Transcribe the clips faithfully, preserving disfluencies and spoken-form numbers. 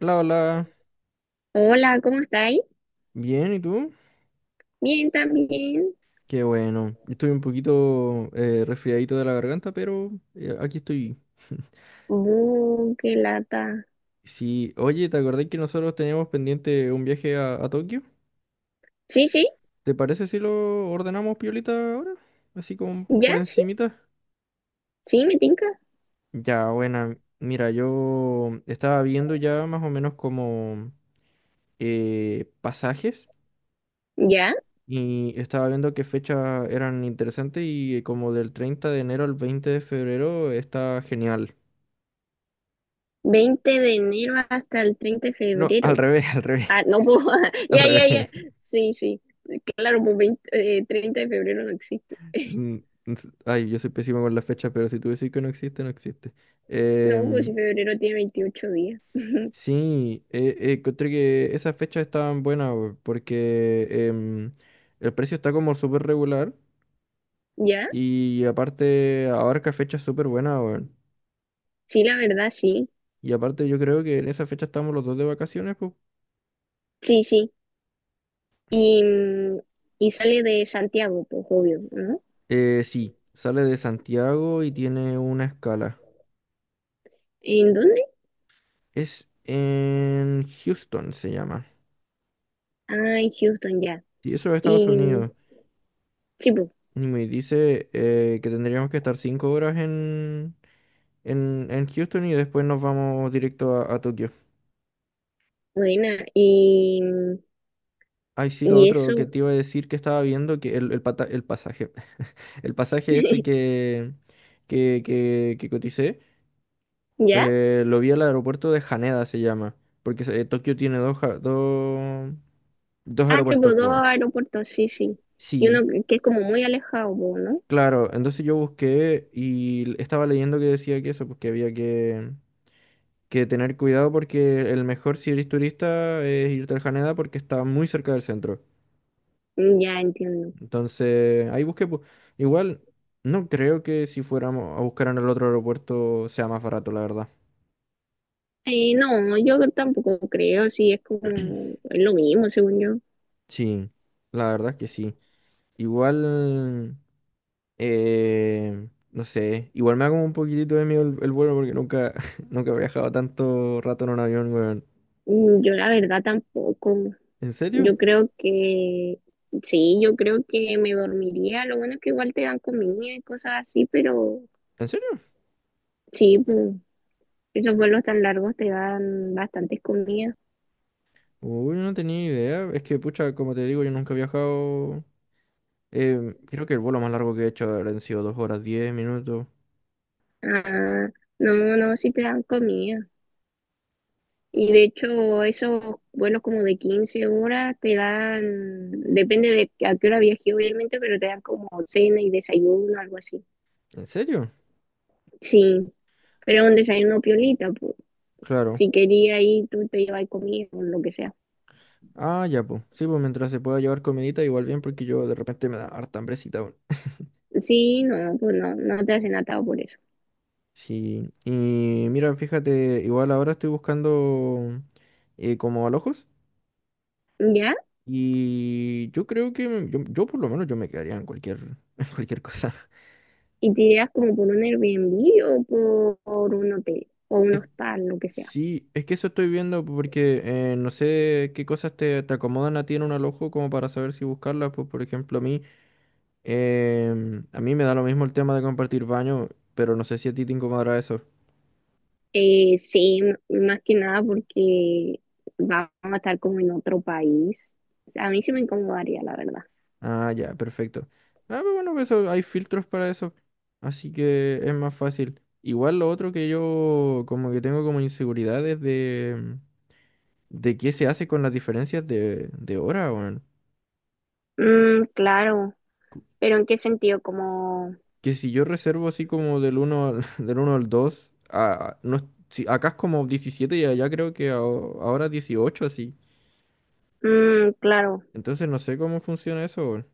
Hola, hola. Hola, ¿cómo estáis? Bien, ¿y tú? Bien, también. Qué bueno. Estoy un poquito eh, resfriadito de la garganta, pero eh, aquí estoy. Uh, qué lata. Sí, oye, ¿te acordás que nosotros teníamos pendiente un viaje a, a Tokio? Sí, sí, ¿Te parece si lo ordenamos piolita ahora? Así como ya, por sí, encimita. sí, me tinca. Ya, buena. Mira, yo estaba viendo ya más o menos como eh, pasajes Ya, y estaba viendo qué fechas eran interesantes y como del treinta de enero al veinte de febrero está genial. veinte de enero hasta el treinta de No, al febrero. revés, al revés, Ah, no puedo. al Ya, ya, revés. ya. Sí, sí. Claro, pues veinte, eh, treinta de febrero no existe. Mm, s- ay, yo soy pésimo con las fechas, pero si tú decís que no existe, no existe. No, pues si Em, febrero tiene veintiocho días. sí, eh, eh, encontré que esas fechas estaban buenas, weón, porque em, el precio está como súper regular Ya, y aparte abarca fechas súper buenas, weón. sí, la verdad, sí. Y aparte yo creo que en esa fecha estamos los dos de vacaciones, pues. Sí, sí. Y, mm, y sale de Santiago, pues obvio, ¿no? Eh, sí, sale de Santiago y tiene una escala. ¿En dónde? Es en Houston, se llama. Ah, en Houston, ya. Sí, eso es Estados Y mm, Unidos. sí, pues. Y me dice eh, que tendríamos que estar cinco horas en, en, en Houston y después nos vamos directo a, a Tokio. Buena, y, Ay, sí, lo y otro que eso, te iba a decir que estaba viendo, que el, el, pata- el pasaje, el pasaje este que, que, que, que coticé, ¿ya? eh, lo vi al aeropuerto de Haneda, se llama, porque eh, Tokio tiene dos, ja- dos, dos Ah, tipo aeropuertos, pues. dos Bueno. aeropuertos, sí, sí. Y Sí, uno que que es como muy alejado, po, ¿no? claro, entonces yo busqué y l- estaba leyendo que decía que eso, pues que había que... que tener cuidado porque el mejor si eres turista es irte al Haneda porque está muy cerca del centro. Ya entiendo. Entonces, ahí busqué. pu- Igual, no creo que si fuéramos a buscar en el otro aeropuerto sea más barato, la verdad. Eh, no, yo tampoco creo, sí, es como, es lo mismo, según yo. Sí, la verdad es que sí. Igual, eh, no sé, igual me da como un poquitito de miedo el, el vuelo porque nunca, nunca he viajado tanto rato en un avión, weón. Mm, yo la verdad tampoco. ¿En serio? Yo creo que, sí, yo creo que me dormiría. Lo bueno es que igual te dan comida y cosas así, pero ¿En serio? sí, pues, esos vuelos tan largos te dan bastantes comidas. Uy, no tenía idea. Es que, pucha, como te digo, yo nunca he viajado. Eh, creo que el vuelo más largo que he hecho han sido dos horas diez minutos. Ah, no, no, sí te dan comida. Y de hecho, esos vuelos como de quince horas te dan, depende de a qué hora viajes obviamente, pero te dan como cena y desayuno, algo así. ¿En serio? Sí, pero un desayuno piolita, pues. Claro. Si quería ir, tú te llevas comida o lo que sea. Ah, ya, pues. Sí, pues mientras se pueda llevar comidita, igual bien, porque yo de repente me da harta hambrecita, weón. Sí, no, pues no, no te hacen atado por eso. Sí. Y mira, fíjate, igual ahora estoy buscando eh, como alojos. ¿Ya? Y yo creo que me- yo, yo por lo menos yo me quedaría en cualquier, en cualquier cosa. Y te irás como por un Airbnb o por, por un hotel o un hostal, lo que sea. Sí, es que eso estoy viendo porque eh, no sé qué cosas te, te acomodan a ti en un alojo como para saber si buscarlas. Pues, por ejemplo, a mí. Em, a mí me da lo mismo el tema de compartir baño, pero no sé si a ti te incomodará eso. Eh, sí, m- más que nada porque vamos a estar como en otro país. O sea, a mí sí me incomodaría, la verdad. Ah, ya, perfecto. Ah, pero bueno, pues eso, hay filtros para eso, así que es más fácil. Igual lo otro que yo como que tengo como inseguridades de, de qué se hace con las diferencias de, de hora, weón. Mm, claro, pero ¿en qué sentido? Como, Que si yo reservo así como del uno al, del uno al dos, a- no, es- si, acá es como diecisiete y allá creo que a- ahora dieciocho así. mm, claro, Entonces no sé cómo funciona eso, weón.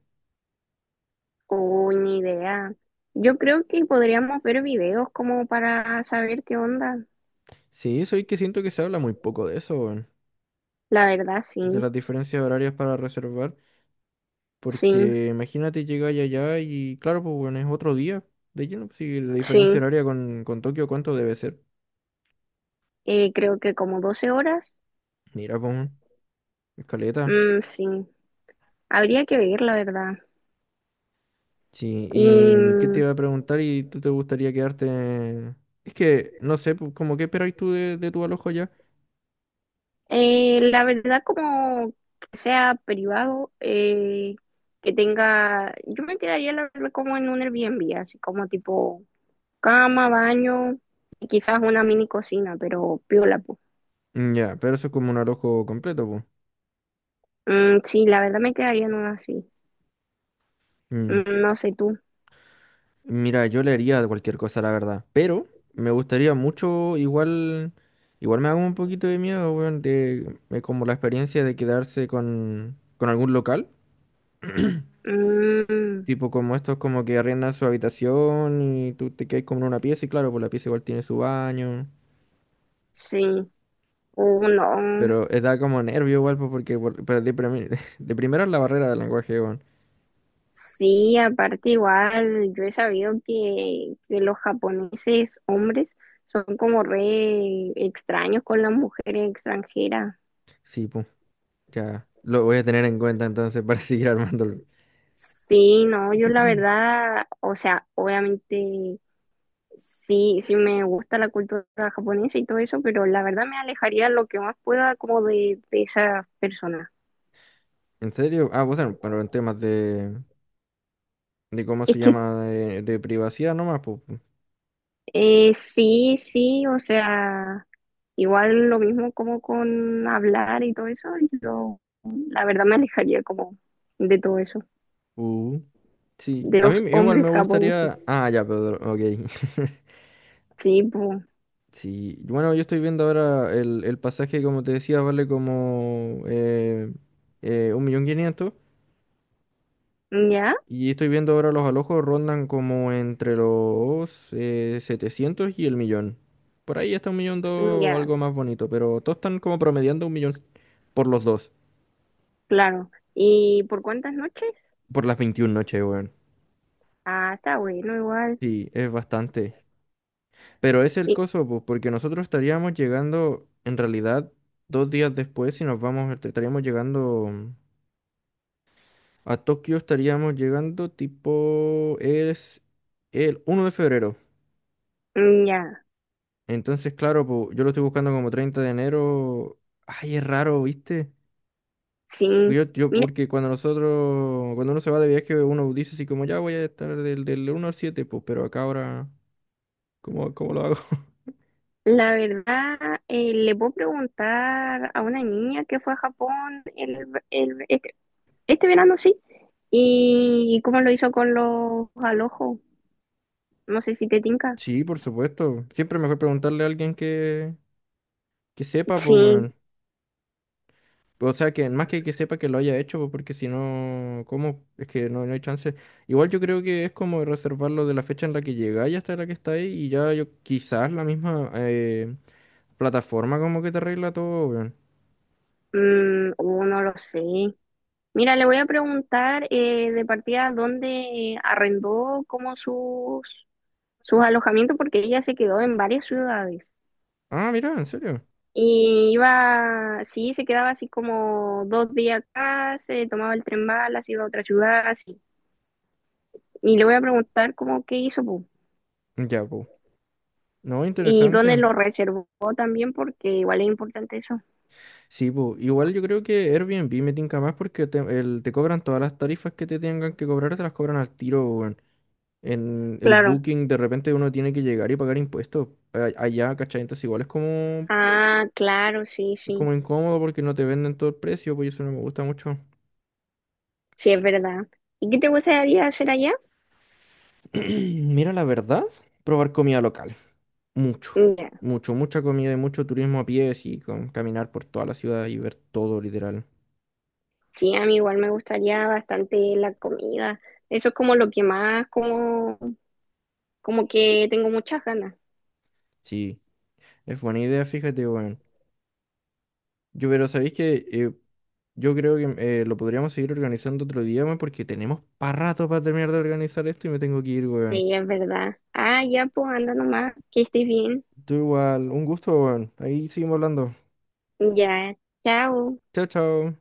o ni idea. Yo creo que podríamos ver videos como para saber qué onda. Sí, soy que siento que se habla muy poco de eso, weón. La verdad, sí, De las diferencias horarias para reservar. sí, Porque imagínate llegar allá y claro, pues bueno, es otro día. De lleno, pues, si la diferencia sí. horaria con, con Tokio, ¿cuánto debe ser? Eh, creo que como doce horas, Mira, pues, weón, escaleta. mm, sí. Habría que ver, la verdad. Sí, Y ¿y qué te mm, iba a preguntar? ¿Y tú te gustaría quedarte? Es que, no sé, pues, como qué esperáis tú de, de tu alojo allá. Eh, la verdad, como que sea privado, eh, que tenga, yo me quedaría la verdad como en un Airbnb, así como tipo cama, baño y quizás una mini cocina, pero piola, pues. Mm. Ya, pero eso es como un alojo completo, pues. Mm, sí, la verdad me quedaría en una así. Mm. Mm, no sé tú. Mira, yo leería cualquier cosa, la verdad. Pero me gustaría mucho, igual, igual me hago un poquito de miedo, weón, de, de como la experiencia de quedarse con, con algún local. Mm, Tipo como estos como que arriendan su habitación y tú te quedas como en una pieza y claro, pues la pieza igual tiene su baño. sí, uno. Pero eh, da como nervio igual, pues porque por- pero de, primi- de primero es la barrera del lenguaje, weón. Sí, aparte igual, yo he sabido que, que los japoneses hombres son como re extraños con las mujeres extranjeras. Sí, pues, ya. Lo voy a tener en cuenta entonces para seguir armándolo. Sí, no, yo la verdad, o sea, obviamente sí, sí me gusta la cultura japonesa y todo eso, pero la verdad me alejaría lo que más pueda como de, de esas personas. ¿En serio? Ah, pues bueno, pero en temas de, de cómo Es se que llama, de, de privacidad nomás, pues. eh, sí, sí, o sea, igual lo mismo como con hablar y todo eso, yo la verdad me alejaría como de todo eso, Uh, sí, de a mí los igual me hombres gustaría... japoneses. Ah, ya, pero ok. Sí, pues, Sí, bueno, yo estoy viendo ahora el, el pasaje, como te decía, vale como eh, eh, un millón quinientos ya, y estoy viendo ahora los alojos rondan como entre los eh, setecientos y el millón. Por ahí está un millón dos, ya, algo más bonito, pero todos están como promediando un millón por los dos, claro. ¿Y por cuántas noches? por las veintiuna noches, weón. Ah, está bueno, igual. Sí, es bastante. Pero es el coso, pues, porque nosotros estaríamos llegando, en realidad, dos días después, si nos vamos, est- estaríamos llegando mm, a Tokio, estaríamos llegando tipo, es el uno de febrero. Mm, ya, Entonces, claro, pues, yo lo estoy buscando como treinta de enero. Ay, es raro, ¿viste? sí. Yo, yo, Mira, porque cuando nosotros, cuando uno se va de viaje, uno dice así como, ya voy a estar del, del uno al siete, pues, pero acá ahora, ¿cómo, cómo lo hago? la verdad, eh, le puedo preguntar a una niña que fue a Japón el, el- este, este verano, sí, y cómo lo hizo con los alojos. No sé si te tinca. Sí, por supuesto. Siempre es mejor preguntarle a alguien que, que sepa, Sí, pues. O sea, que más que que sepa que lo haya hecho, pues, porque si no, ¿cómo? Es que no, no hay chance. Igual yo creo que es como reservarlo de la fecha en la que llegáis hasta la que estáis y ya yo, quizás la misma eh, plataforma como que te arregla todo, weón. mm, oh, no lo sé. Mira, le voy a preguntar eh, de partida dónde arrendó como sus, sus alojamientos, porque ella se quedó en varias ciudades. Ah, mira, en serio. Y iba, sí, se quedaba así como dos días acá, se tomaba el tren Malas, iba a otra ciudad, así. Y le voy a preguntar cómo qué hizo, po, Ya, pues. No, y dónde interesante. lo reservó también, porque igual es importante eso. Sí, pues. Igual yo creo que Airbnb me tinca más porque te, el- te cobran todas las tarifas que te tengan que cobrar, te las cobran al tiro, weón. En el Claro. booking de repente uno tiene que llegar y pagar impuestos a- allá, ¿cachai? Entonces igual es como. Ah, claro, sí, Es sí, como incómodo porque no te venden todo el precio, pues eso no me gusta mucho. sí, es verdad. ¿Y qué te gustaría hacer allá? Mira, la verdad, probar comida local. Mucho, Ya. mucho, mucha comida y mucho turismo a pie, y con caminar por toda la ciudad y ver todo, literal. Sí, a mí igual me gustaría bastante la comida. Eso es como lo que más, como, como que tengo muchas ganas. Sí, es buena idea, fíjate, bueno. Yo, pero sabéis que yo creo que eh, lo podríamos seguir organizando otro día, weón, porque tenemos para rato para terminar de organizar esto y me tengo que ir, weón. Sí, es verdad. Ah, ya, pues anda nomás, que estés bien. Tú igual, un gusto, weón. Ahí seguimos hablando. Ya, chao. Chao, chao.